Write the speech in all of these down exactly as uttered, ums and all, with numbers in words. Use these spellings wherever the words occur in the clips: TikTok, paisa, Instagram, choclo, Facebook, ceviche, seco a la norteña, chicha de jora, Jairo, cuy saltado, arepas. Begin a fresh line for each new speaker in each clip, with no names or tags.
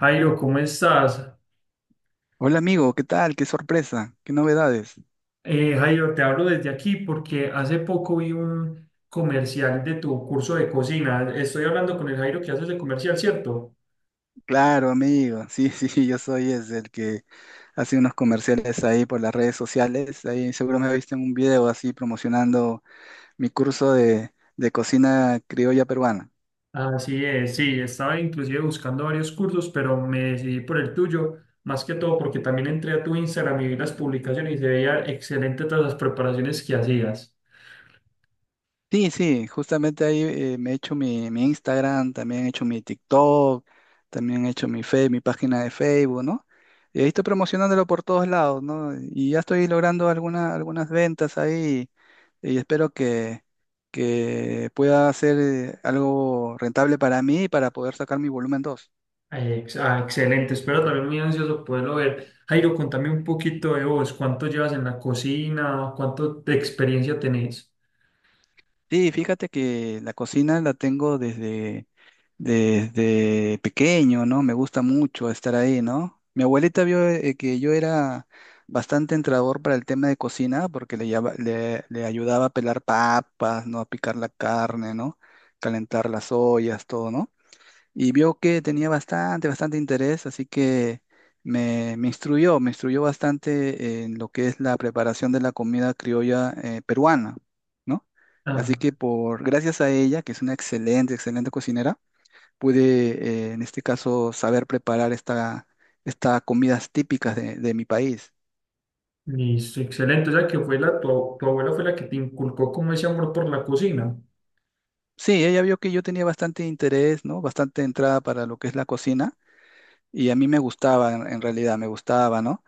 Jairo, ¿cómo estás?
Hola amigo, ¿qué tal? ¿Qué sorpresa? ¿Qué novedades?
Eh, Jairo, te hablo desde aquí porque hace poco vi un comercial de tu curso de cocina. Estoy hablando con el Jairo que hace ese comercial, ¿cierto?
Claro, amigo. Sí, sí, yo soy es el que hace unos comerciales ahí por las redes sociales. Ahí seguro me viste en un video así promocionando mi curso de, de cocina criolla peruana.
Así es, sí, estaba inclusive buscando varios cursos, pero me decidí por el tuyo, más que todo porque también entré a tu Instagram y vi las publicaciones y se veía excelente todas las preparaciones que hacías.
Sí, sí, justamente ahí eh, me he hecho mi, mi Instagram, también he hecho mi TikTok, también he hecho mi Fe- mi página de Facebook, ¿no? Y ahí estoy promocionándolo por todos lados, ¿no? Y ya estoy logrando alguna- algunas ventas ahí y espero que, que pueda ser eh, algo rentable para mí y para poder sacar mi volumen dos.
Ex- ah, excelente, espero también muy ansioso poderlo ver. Jairo, contame un poquito de vos, ¿cuánto llevas en la cocina? ¿Cuánto de experiencia tenés?
Sí, fíjate que la cocina la tengo desde desde pequeño, ¿no? Me gusta mucho estar ahí, ¿no? Mi abuelita vio eh, que yo era bastante entrador para el tema de cocina porque le, lleva- le, le ayudaba a pelar papas, ¿no? A picar la carne, ¿no? Calentar las ollas, todo, ¿no? Y vio que tenía bastante, bastante interés, así que me, me instruyó, me instruyó bastante en lo que es la preparación de la comida criolla eh, peruana, ¿no? Así
Ah,
que por, gracias a ella, que es una excelente, excelente cocinera, pude, eh, en este caso, saber preparar esta, estas comidas típicas de, de mi país.
listo, excelente. O sea, que fue la, tu, tu abuela fue la que te inculcó como ese amor por la cocina.
Sí, ella vio que yo tenía bastante interés, ¿no? Bastante entrada para lo que es la cocina y a mí me gustaba, en en realidad, me gustaba, ¿no?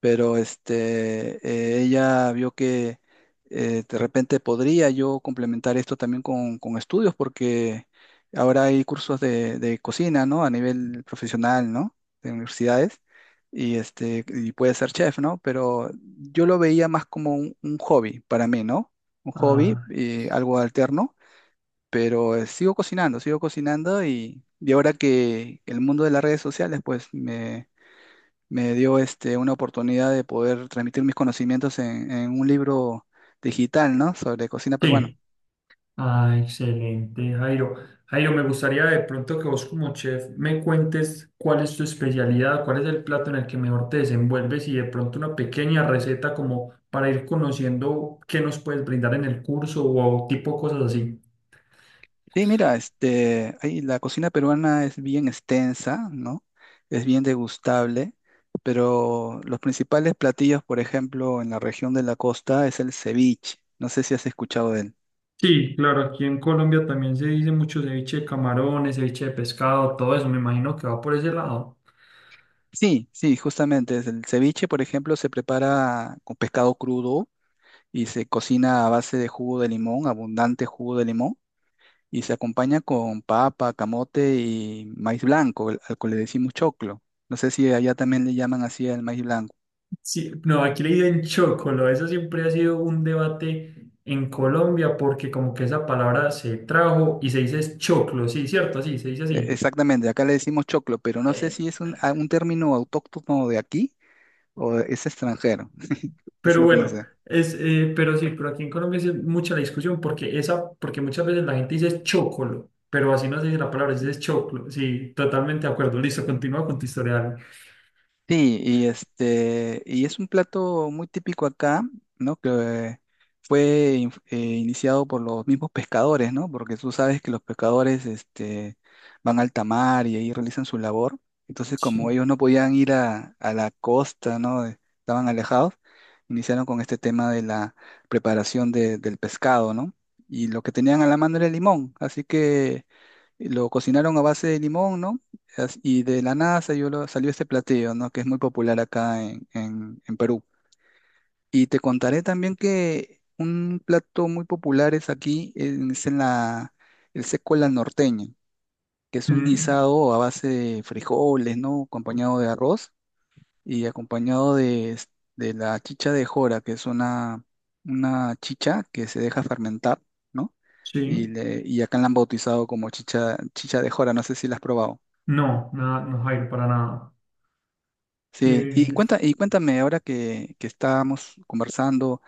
Pero este, eh, ella vio que eh, de repente podría yo complementar esto también con, con estudios, porque ahora hay cursos de, de cocina, ¿no? A nivel profesional, ¿no? De universidades, y este, y puede ser chef, ¿no? Pero yo lo veía más como un, un hobby para mí, ¿no? Un hobby,
Ah,
eh, algo alterno. Pero eh, sigo cocinando, sigo cocinando y, y ahora que el mundo de las redes sociales, pues me me dio este, una oportunidad de poder transmitir mis conocimientos en, en un libro digital, ¿no? Sobre cocina peruana.
sí. Ah, excelente, Jairo. Jairo, me gustaría de pronto que vos como chef me cuentes cuál es tu especialidad, cuál es el plato en el que mejor te desenvuelves y de pronto una pequeña receta como para ir conociendo qué nos puedes brindar en el curso o tipo cosas así.
Sí, mira, este, ahí la cocina peruana es bien extensa, ¿no? Es bien degustable, pero los principales platillos, por ejemplo, en la región de la costa es el ceviche. No sé si has escuchado de él.
Sí, claro, aquí en Colombia también se dice mucho ceviche de camarones, ceviche de pescado, todo eso, me imagino que va por ese lado.
Sí, sí, justamente. Es el ceviche, por ejemplo. Se prepara con pescado crudo y se cocina a base de jugo de limón, abundante jugo de limón, y se acompaña con papa, camote y maíz blanco, el- al que le decimos choclo. No sé si allá también le llaman así al maíz blanco.
Sí, no, aquí le dicen chocolo. Eso siempre ha sido un debate en Colombia porque como que esa palabra se trajo y se dice es choclo, sí, cierto, sí, se dice
E-
así.
Exactamente, acá le decimos choclo, pero no sé
Eh,
si es un, a- un término autóctono de aquí o es extranjero. Es
pero
lo que no
bueno,
sé.
es, eh, pero sí, pero aquí en Colombia sí es mucha la discusión porque esa, porque muchas veces la gente dice es chocolo, pero así no se dice la palabra, se dice es choclo. Sí, totalmente de acuerdo. Listo, continúa con tu historia. Ale.
Sí, y este, y es un plato muy típico acá, ¿no? Que fue in- eh, iniciado por los mismos pescadores, ¿no? Porque tú sabes que los pescadores, este, van al tamar y ahí realizan su labor. Entonces,
Sí.
como ellos no podían ir a, a la costa, ¿no? de- Estaban alejados, iniciaron con este tema de la preparación de- del pescado, ¿no? Y lo que tenían a la mano era el limón, así que lo cocinaron a base de limón, ¿no? As- Y de la nada salió, lo- salió este platillo, ¿no? Que es muy popular acá en, en- en Perú. Y te contaré también que un plato muy popular es aquí, en- es en la, el seco a la norteña, que es un
Mm,
guisado a base de frijoles, ¿no? Acompañado de arroz y acompañado de, es- de la chicha de jora, que es una, una chicha que se deja fermentar, ¿no?
sí.
Y, le- y acá la han bautizado como chicha, chicha de jora. No sé si la has probado.
No, nada, no, Jairo, para nada.
Sí.
Eh,
Y cuenta, y cuéntame ahora que, que estábamos conversando,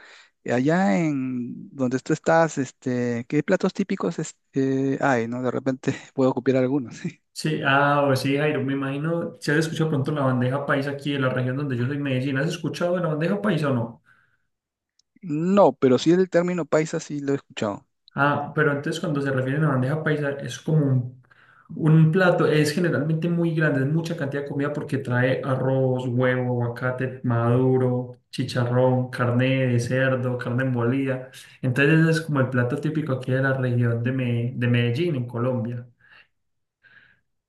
eh, allá en donde tú estás, este, ¿qué platos típicos este, hay, no? De repente puedo copiar algunos.
Sí, ah, o sí, Jairo, me imagino, si has escuchado pronto la bandeja paisa aquí de la región donde yo soy, Medellín, ¿has escuchado de la bandeja paisa o no?
No, pero sí el término paisa sí lo he escuchado.
Ah, pero entonces cuando se refieren a bandeja paisa es como un, un plato, es generalmente muy grande, es mucha cantidad de comida porque trae arroz, huevo, aguacate maduro, chicharrón, carne de cerdo, carne molida. Entonces es como el plato típico aquí de la región de, Me- de Medellín, en Colombia.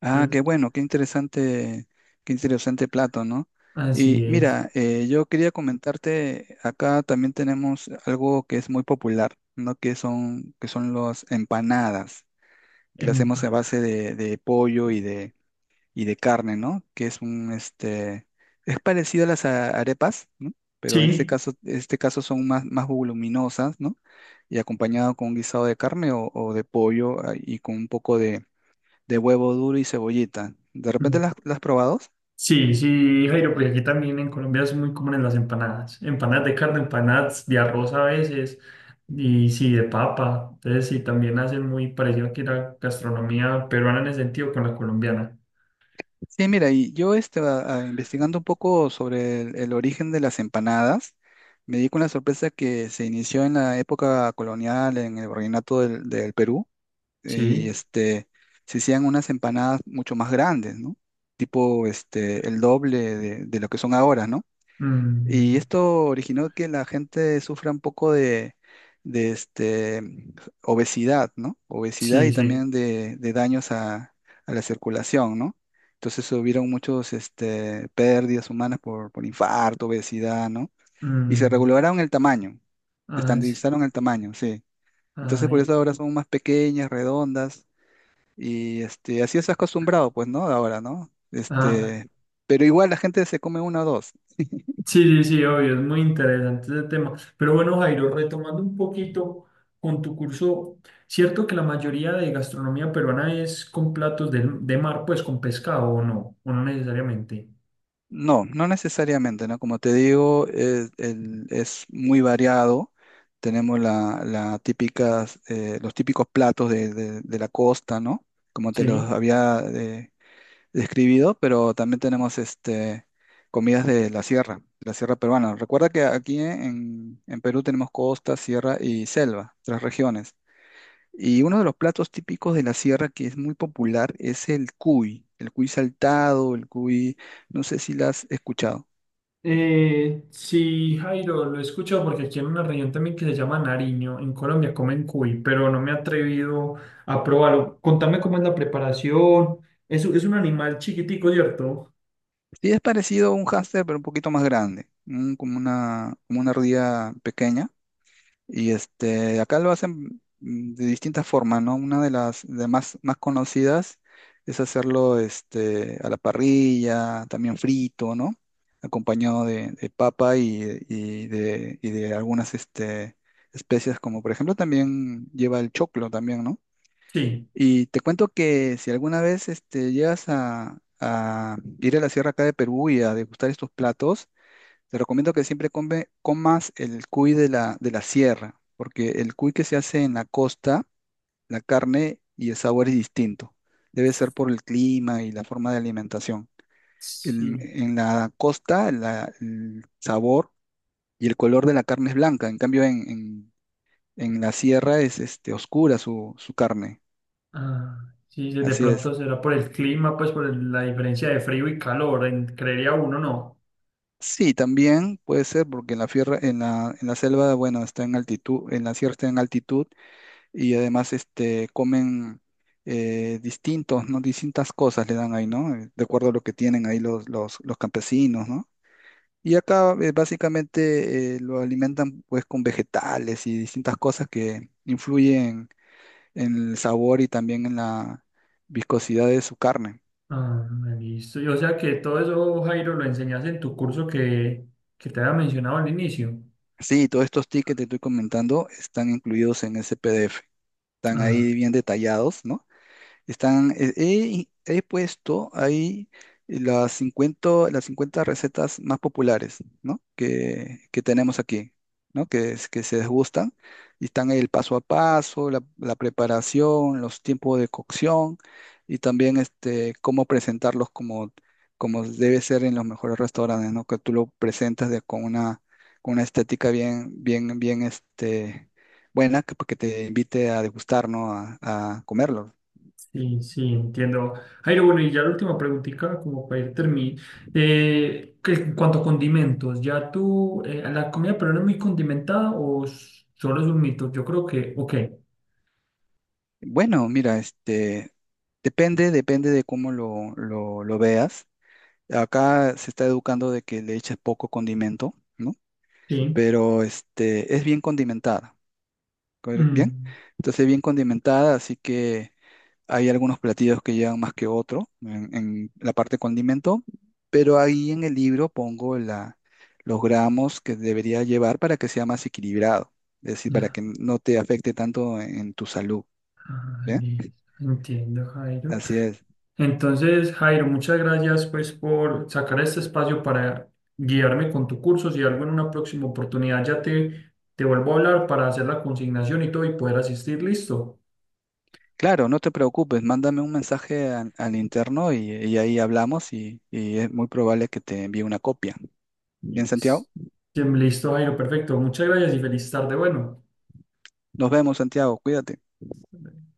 Ah, qué
Entonces,
bueno, qué interesante, qué interesante plato, ¿no? Y
así es,
mira, eh, yo quería comentarte, acá también tenemos algo que es muy popular, ¿no? Que son, que son las empanadas, que las hacemos a
empanada.
base de, de pollo y de y de carne, ¿no? Que es un, este, es parecido a las a- arepas, ¿no? Pero en este
Sí.
caso, en este caso son más, más voluminosas, ¿no? Y acompañado con un guisado de carne o, o de pollo, ah, y con un poco de, de huevo duro y cebollita. ¿De repente las, las has probado?
Sí, sí, Jairo, porque aquí también en Colombia son muy comunes las empanadas. Empanadas de carne, empanadas de arroz a veces, y sí, de papa. Entonces, sí, también hacen muy parecido aquí la gastronomía peruana en ese sentido con la colombiana.
Sí, mira, y yo este, a- a- investigando un poco sobre el, el origen de las empanadas, me di con la sorpresa que se inició en la época colonial, en el virreinato del del Perú, y
Sí,
este, se hacían unas empanadas mucho más grandes, ¿no? Tipo este, el doble de, de lo que son ahora, ¿no? Y
mm,
esto originó que la gente sufra un poco de, de este, obesidad, ¿no? Obesidad
sí,
y
sí.
también de, de daños a, a la circulación, ¿no? Entonces hubieron muchos este, pérdidas humanas por, por infarto, obesidad, ¿no? Y se
Mm,
regularon el tamaño, se
ah, sí,
estandarizaron el tamaño, sí. Entonces por
ay,
eso ahora son más pequeñas, redondas, y este, así es acostumbrado, pues, ¿no? Ahora, ¿no?
ah,
Este, pero igual la gente se come una o dos.
sí, sí, sí, obvio, es muy interesante ese tema. Pero bueno, Jairo, retomando un poquito con tu curso, cierto que la mayoría de gastronomía peruana es con platos de, de mar, pues con pescado o no, o no necesariamente.
No, no necesariamente, ¿no? Como te digo, es, el- es muy variado. Tenemos la, la típicas, eh, los típicos platos de, de- de la costa, ¿no? Como te
Sí.
los había eh, describido, pero también tenemos este, comidas de la sierra, de la sierra peruana. Recuerda que aquí en, en Perú tenemos costa, sierra y selva, tres regiones. Y uno de los platos típicos de la sierra que es muy popular es el cuy, el cuy saltado, el cuy, no sé si lo has escuchado.
Eh, sí, Jairo, lo he escuchado porque aquí en una región también que se llama Nariño, en Colombia comen cuy, pero no me he atrevido a probarlo. Contame cómo es la preparación. Es, es un animal chiquitico, ¿cierto?
Sí, es parecido a un hámster, pero un poquito más grande, un- como una, como una ardilla pequeña. Y este, acá lo hacen mm, de distintas formas, ¿no? Una de las de más, más conocidas es hacerlo este, a la parrilla, también frito, ¿no? Acompañado de, de papa y, y de, y de algunas este, especias, como por ejemplo también lleva el choclo también, ¿no?
Sí.
Y te cuento que si alguna vez este, llegas a, a ir a la sierra acá de Perú y a degustar estos platos, te recomiendo que siempre come- comas el cuy de la, de la sierra, porque el cuy que se hace en la costa, la carne y el sabor es distinto. Debe ser por el clima y la forma de alimentación. En,
Sí.
en la costa, la- el sabor y el color de la carne es blanca, en cambio en, en- en la sierra es este, oscura su, su carne.
Ah, sí, sí, de
Así
pronto
es.
será por el clima, pues por el- la diferencia de frío y calor, en- creería uno, ¿no?
Sí, también puede ser porque en la, fierra, en la, en la selva, bueno, está en altitud, en la sierra está en altitud, y además este, comen eh, distintos, ¿no? Distintas cosas le dan ahí, ¿no? Eh, De acuerdo a lo que tienen ahí los, los, los campesinos, ¿no? Y acá eh, básicamente eh, lo alimentan pues con vegetales y distintas cosas que influyen en el sabor y también en la viscosidad de su carne.
Ah, listo. Y o sea que todo eso, Jairo, lo enseñas en tu curso que, que te había mencionado al inicio.
Sí, todos estos tickets que te estoy comentando están incluidos en ese P D F. Están
Ah,
ahí bien detallados, ¿no? Están, eh, he, he puesto ahí las cincuenta las cincuenta recetas más populares, ¿no? Que, que tenemos aquí, ¿no? Que, es- que se gustan. Y están el paso a paso, la, la preparación, los tiempos de cocción, y también este, cómo presentarlos como, como debe ser en los mejores restaurantes, ¿no? Que tú lo presentas de, con una, con una estética bien, bien, bien, este, buena, que, pues, que te invite a degustar, ¿no? A, a comerlos.
sí, sí, entiendo. Jairo, bueno, y ya la última preguntita, como para ir terminando. Eh, que en cuanto a condimentos, ¿ya tú, eh, la comida peruana es muy condimentada o s- solo es un mito? Yo creo que, ok,
Bueno, mira, este depende, depende de cómo lo, lo, lo veas. Acá se está educando de que le eches poco condimento, ¿no?
sí.
Pero este es bien condimentada, ¿corre- ¿bien?
Mm,
Entonces bien condimentada, así que hay algunos platillos que llevan más que otro en, en la parte condimento, pero ahí en el libro pongo la, los gramos que debería llevar para que sea más equilibrado, es decir, para
ya.
que no te afecte tanto en tu salud,
Ah,
¿bien?
listo. Entiendo, Jairo.
Así es.
Entonces, Jairo, muchas gracias pues por sacar este espacio para guiarme con tu curso. Si algo en una próxima oportunidad ya te, te vuelvo a hablar para hacer la consignación y todo y poder asistir, listo.
Claro, no te preocupes, mándame un mensaje al, al interno y, y ahí hablamos y, y es muy probable que te envíe una copia. Bien,
Listo,
Santiago,
Listo, Jairo, perfecto. Muchas gracias y feliz tarde. Bueno.
nos vemos, Santiago, cuídate.